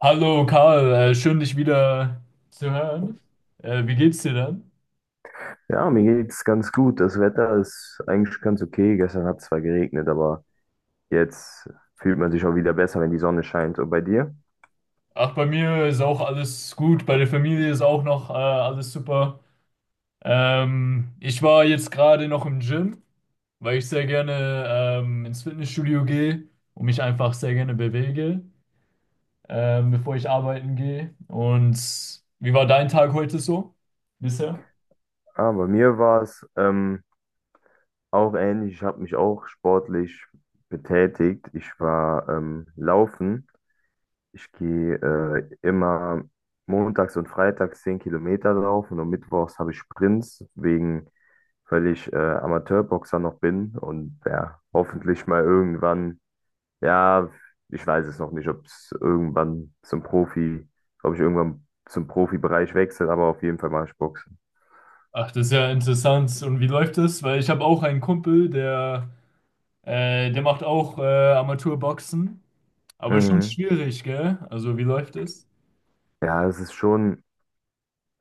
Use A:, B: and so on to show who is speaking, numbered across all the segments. A: Hallo Karl, schön dich wieder zu hören. Wie geht's dir denn?
B: Ja, mir geht's ganz gut. Das Wetter ist eigentlich ganz okay. Gestern hat es zwar geregnet, aber jetzt fühlt man sich auch wieder besser, wenn die Sonne scheint. Und bei dir?
A: Ach, bei mir ist auch alles gut, bei der Familie ist auch noch alles super. Ich war jetzt gerade noch im Gym, weil ich sehr gerne ins Fitnessstudio gehe und mich einfach sehr gerne bewege, bevor ich arbeiten gehe. Und wie war dein Tag heute so bisher?
B: Ah, bei mir war es auch ähnlich. Ich habe mich auch sportlich betätigt. Ich war laufen. Ich gehe immer montags und freitags 10 Kilometer laufen, und mittwochs habe ich Sprints, weil ich Amateurboxer noch bin. Und ja, hoffentlich mal irgendwann, ja, ich weiß es noch nicht, ob ich irgendwann zum Profibereich wechsle, aber auf jeden Fall mache ich Boxen.
A: Ach, das ist ja interessant. Und wie läuft das? Weil ich habe auch einen Kumpel, der macht auch Amateurboxen. Aber schon
B: Mhm.
A: schwierig, gell? Also, wie läuft es?
B: Ja, es ist schon,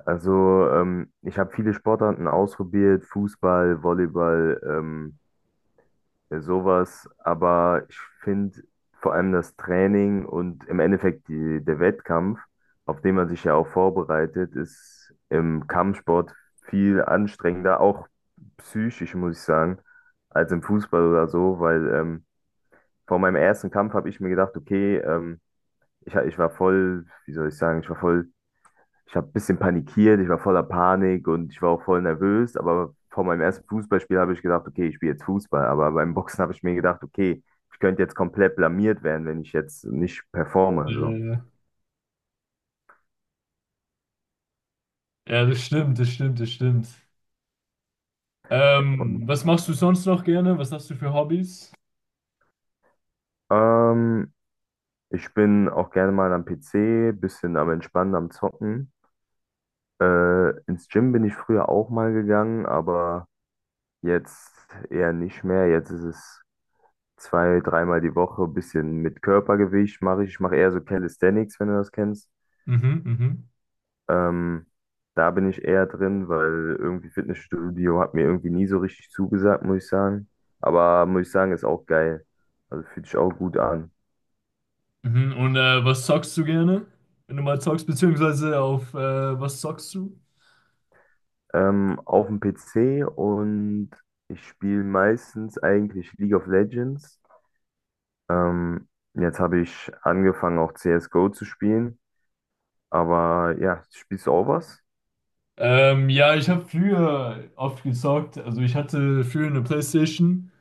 B: also ich habe viele Sportarten ausprobiert, Fußball, Volleyball, sowas, aber ich finde vor allem das Training und im Endeffekt der Wettkampf, auf den man sich ja auch vorbereitet, ist im Kampfsport viel anstrengender, auch psychisch, muss ich sagen, als im Fußball oder so, weil vor meinem ersten Kampf habe ich mir gedacht, okay, ich, ich war voll, wie soll ich sagen, ich war voll ich habe ein bisschen panikiert, ich war voller Panik und ich war auch voll nervös. Aber vor meinem ersten Fußballspiel habe ich gedacht, okay, ich spiele jetzt Fußball. Aber beim Boxen habe ich mir gedacht, okay, ich könnte jetzt komplett blamiert werden, wenn ich jetzt nicht performe, so.
A: Äh, ja, das stimmt, das stimmt, das stimmt.
B: Und
A: Was machst du sonst noch gerne? Was hast du für Hobbys?
B: ähm, ich bin auch gerne mal am PC, bisschen am Entspannen, am Zocken. Ins Gym bin ich früher auch mal gegangen, aber jetzt eher nicht mehr. Jetzt ist es zwei, dreimal die Woche, bisschen mit Körpergewicht mache ich. Ich mache eher so Calisthenics, wenn du das kennst.
A: Mhm, mhm.
B: Ähm, Da bin ich eher drin, weil irgendwie Fitnessstudio hat mir irgendwie nie so richtig zugesagt, muss ich sagen. Aber muss ich sagen, ist auch geil. Also fühlt sich auch gut an.
A: Mhm. Und was zockst du gerne? Wenn du mal zockst, beziehungsweise auf was zockst du?
B: Auf dem PC. Und ich spiele meistens eigentlich League of Legends. Ähm, Jetzt habe ich angefangen auch CSGO zu spielen. Aber ja, spielst du auch was?
A: Ja, ich habe früher oft gezockt. Also ich hatte früher eine PlayStation.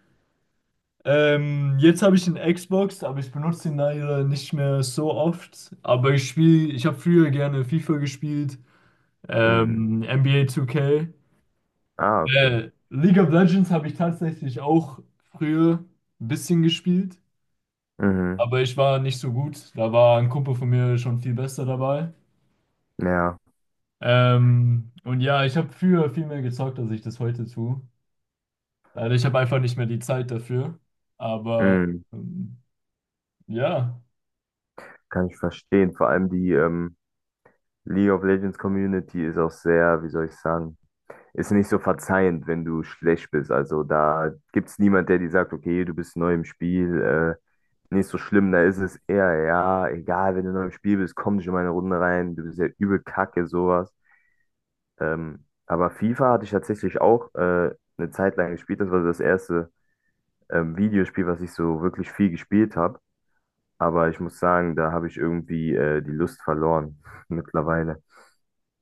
A: Jetzt habe ich eine Xbox, aber ich benutze ihn leider nicht mehr so oft. Aber ich habe früher gerne FIFA gespielt.
B: Mhm.
A: NBA 2K.
B: Ah, okay.
A: League of Legends habe ich tatsächlich auch früher ein bisschen gespielt,
B: Mhm.
A: aber ich war nicht so gut. Da war ein Kumpel von mir schon viel besser dabei.
B: Ja,
A: Und ja, ich habe früher viel mehr gezockt, als ich das heute tue. Leider, ich habe einfach nicht mehr die Zeit dafür. Aber
B: mhm.
A: ähm, ja,
B: Kann ich verstehen. Vor allem die, League of Legends Community ist auch sehr, wie soll ich sagen, ist nicht so verzeihend, wenn du schlecht bist. Also da gibt es niemand, der dir sagt, okay, du bist neu im Spiel, nicht so schlimm. Da ist es eher, ja, egal, wenn du neu im Spiel bist, komm nicht in meine Runde rein, du bist ja übel kacke, sowas. Aber FIFA hatte ich tatsächlich auch eine Zeit lang gespielt. Das war so das erste Videospiel, was ich so wirklich viel gespielt habe. Aber ich muss sagen, da habe ich irgendwie die Lust verloren mittlerweile.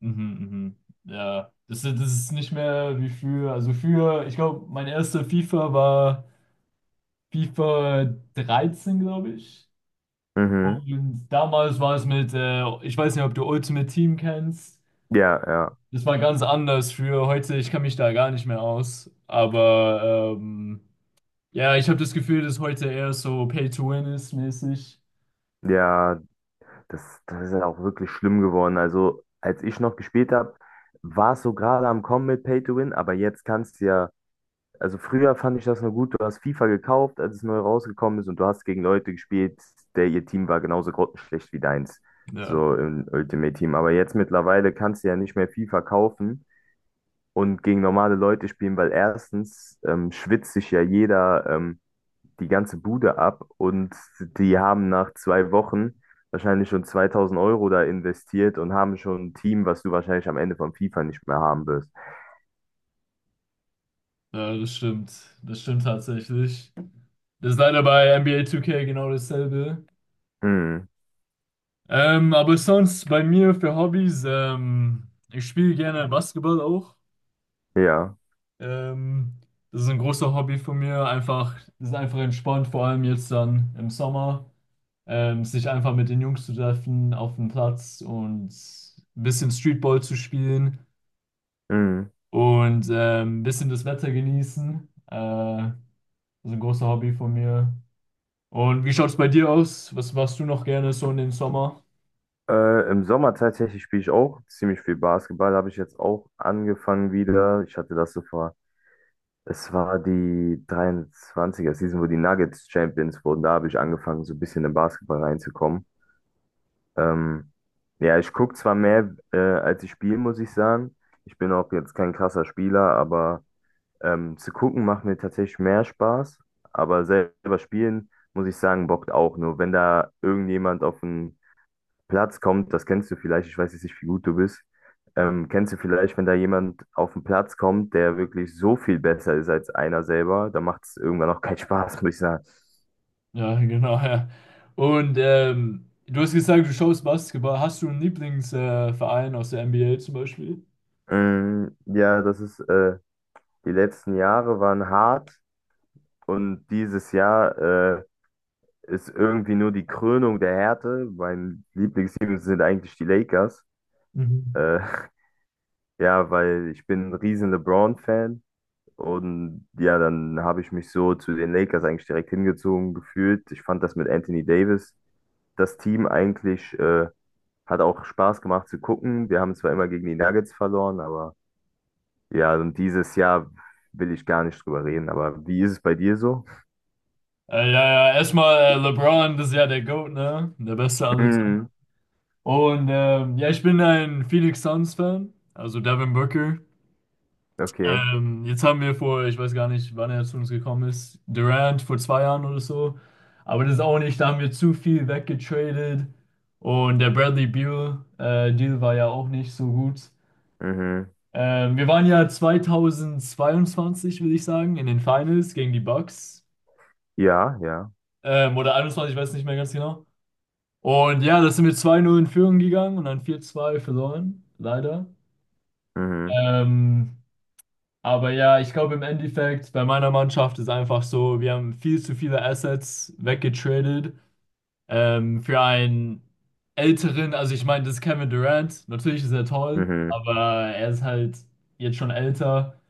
A: mhm, mhm. Ja, das ist nicht mehr wie früher. Also früher, ich glaube, mein erster FIFA war FIFA 13, glaube ich.
B: Mhm.
A: Und damals war es ich weiß nicht, ob du Ultimate Team kennst.
B: Ja, ja.
A: Das war ganz anders für heute. Ich kann mich da gar nicht mehr aus. Aber ja, ich habe das Gefühl, dass heute eher so Pay to Win ist mäßig.
B: Ja, das ist ja auch wirklich schlimm geworden. Also, als ich noch gespielt habe, war es so gerade am Kommen mit Pay to Win, aber jetzt kannst du ja, also früher fand ich das nur gut, du hast FIFA gekauft, als es neu rausgekommen ist, und du hast gegen Leute gespielt, der ihr Team war genauso grottenschlecht wie deins,
A: Ja,
B: so im Ultimate Team. Aber jetzt mittlerweile kannst du ja nicht mehr FIFA kaufen und gegen normale Leute spielen, weil erstens schwitzt sich ja jeder. Die ganze Bude ab, und die haben nach 2 Wochen wahrscheinlich schon 2000 Euro da investiert und haben schon ein Team, was du wahrscheinlich am Ende von FIFA nicht mehr haben wirst.
A: ja, das stimmt. Das stimmt tatsächlich. Das ist leider bei NBA 2K genau dasselbe.
B: Hm,
A: Aber sonst bei mir für Hobbys, ich spiele gerne Basketball auch.
B: ja.
A: Ähm, Das ist ein großer Hobby von mir. Einfach, das ist einfach entspannt, vor allem jetzt dann im Sommer, sich einfach mit den Jungs zu treffen auf dem Platz und ein bisschen Streetball zu spielen
B: Hm.
A: und ein bisschen das Wetter genießen. Das ist ein großer Hobby von mir. Und wie schaut es bei dir aus? Was machst du noch gerne so in den Sommer?
B: Im Sommer tatsächlich spiele ich auch ziemlich viel Basketball. Habe ich jetzt auch angefangen wieder. Ich hatte das so vor. Es war die 23er-Season, wo die Nuggets Champions wurden. Da habe ich angefangen, so ein bisschen in Basketball reinzukommen. Ähm, ja, ich gucke zwar mehr, als ich spiele, muss ich sagen. Ich bin auch jetzt kein krasser Spieler, aber zu gucken macht mir tatsächlich mehr Spaß. Aber selber spielen, muss ich sagen, bockt auch. Nur wenn da irgendjemand auf den Platz kommt, das kennst du vielleicht, ich weiß jetzt nicht, wie gut du bist. Kennst du vielleicht, wenn da jemand auf den Platz kommt, der wirklich so viel besser ist als einer selber, dann macht es irgendwann auch keinen Spaß, muss ich sagen.
A: Ja, genau, ja. Und du hast gesagt, du schaust Basketball. Hast du einen Lieblingsverein Verein aus der NBA zum Beispiel?
B: Mm, ja, die letzten Jahre waren hart. Und dieses Jahr ist irgendwie nur die Krönung der Härte. Mein Lieblingsteam sind eigentlich die Lakers.
A: Mhm.
B: Äh, ja, weil ich bin ein riesen LeBron-Fan. Und ja, dann habe ich mich so zu den Lakers eigentlich direkt hingezogen gefühlt. Ich fand das mit Anthony Davis. Das Team eigentlich hat auch Spaß gemacht zu gucken. Wir haben zwar immer gegen die Nuggets verloren, aber ja, und dieses Jahr will ich gar nicht drüber reden. Aber wie ist es bei dir so?
A: Ja, ja, erstmal LeBron, das ist ja der GOAT, ne? Der Beste aller Zeiten.
B: Mm,
A: Und ja, ich bin ein Phoenix Suns-Fan, also Devin Booker.
B: okay.
A: Jetzt haben wir vor, ich weiß gar nicht, wann er zu uns gekommen ist, Durant vor 2 Jahren oder so. Aber das ist auch nicht, da haben wir zu viel weggetradet. Und der Bradley Beal Deal war ja auch nicht so gut.
B: Mhm.
A: Wir waren ja 2022, würde ich sagen, in den Finals gegen die Bucks.
B: Ja, ja.
A: Oder 21, ich weiß nicht mehr ganz genau. Und ja, da sind wir 2-0 in Führung gegangen und dann 4-2 verloren, leider.
B: Mhm,
A: Ähm, aber ja, ich glaube im Endeffekt, bei meiner Mannschaft ist einfach so, wir haben viel zu viele Assets weggetradet für einen älteren, also ich meine, das ist Kevin Durant, natürlich ist er toll,
B: mhm,
A: aber er ist halt jetzt schon älter.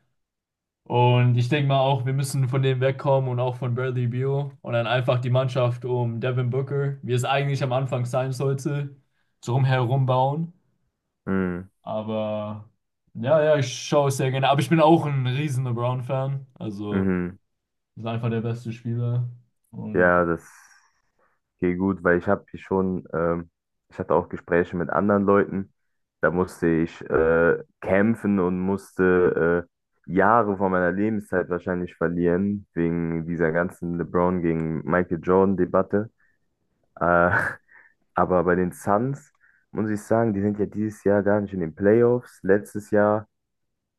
A: Und ich denke mal auch, wir müssen von dem wegkommen und auch von Bradley Beal und dann einfach die Mannschaft um Devin Booker, wie es eigentlich am Anfang sein sollte, drum herum bauen.
B: mhm,
A: Aber ja, ja, ich schaue es sehr gerne. Aber ich bin auch ein riesen LeBron-Fan. Also,
B: mhm.
A: ist einfach der beste Spieler. Und
B: Ja, das geht gut, weil ich habe hier schon, ich hatte auch Gespräche mit anderen Leuten. Da musste ich kämpfen und musste Jahre von meiner Lebenszeit wahrscheinlich verlieren, wegen dieser ganzen LeBron gegen Michael Jordan-Debatte. Äh, aber bei den Suns muss ich sagen, die sind ja dieses Jahr gar nicht in den Playoffs. Letztes Jahr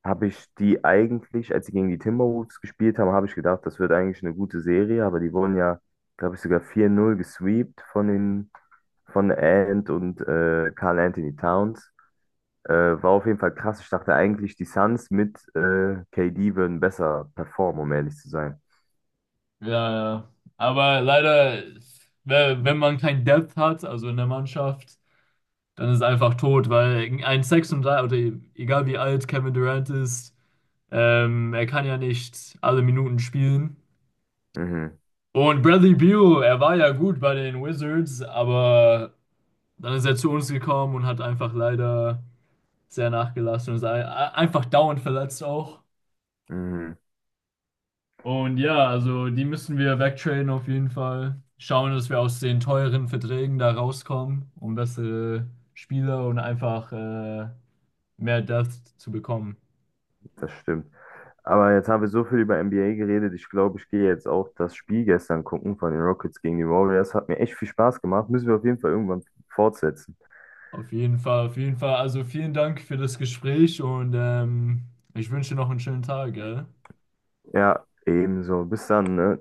B: habe ich die eigentlich, als sie gegen die Timberwolves gespielt haben, habe ich gedacht, das wird eigentlich eine gute Serie, aber die wurden ja, glaube ich, sogar 4-0 gesweept von den von Ant und Karl Anthony Towns. Äh, War auf jeden Fall krass. Ich dachte eigentlich, die Suns mit KD würden besser performen, um ehrlich zu sein.
A: ja, ja. Aber leider, wenn man kein Depth hat, also in der Mannschaft, dann ist es einfach tot, weil ein 36, oder egal wie alt Kevin Durant ist, er kann ja nicht alle Minuten spielen.
B: Mhm,
A: Und Bradley Beal, er war ja gut bei den Wizards, aber dann ist er zu uns gekommen und hat einfach leider, sehr nachgelassen und ist einfach dauernd verletzt auch.
B: mhm,
A: Und ja, also die müssen wir wegtraden auf jeden Fall. Schauen, dass wir aus den teuren Verträgen da rauskommen, um bessere Spieler und einfach mehr Depth zu bekommen.
B: das stimmt. Aber jetzt haben wir so viel über NBA geredet. Ich glaube, ich gehe jetzt auch das Spiel gestern gucken von den Rockets gegen die Warriors. Hat mir echt viel Spaß gemacht. Müssen wir auf jeden Fall irgendwann fortsetzen.
A: Auf jeden Fall, auf jeden Fall. Also vielen Dank für das Gespräch und ich wünsche dir noch einen schönen Tag, gell?
B: Ja, ebenso. Bis dann, ne?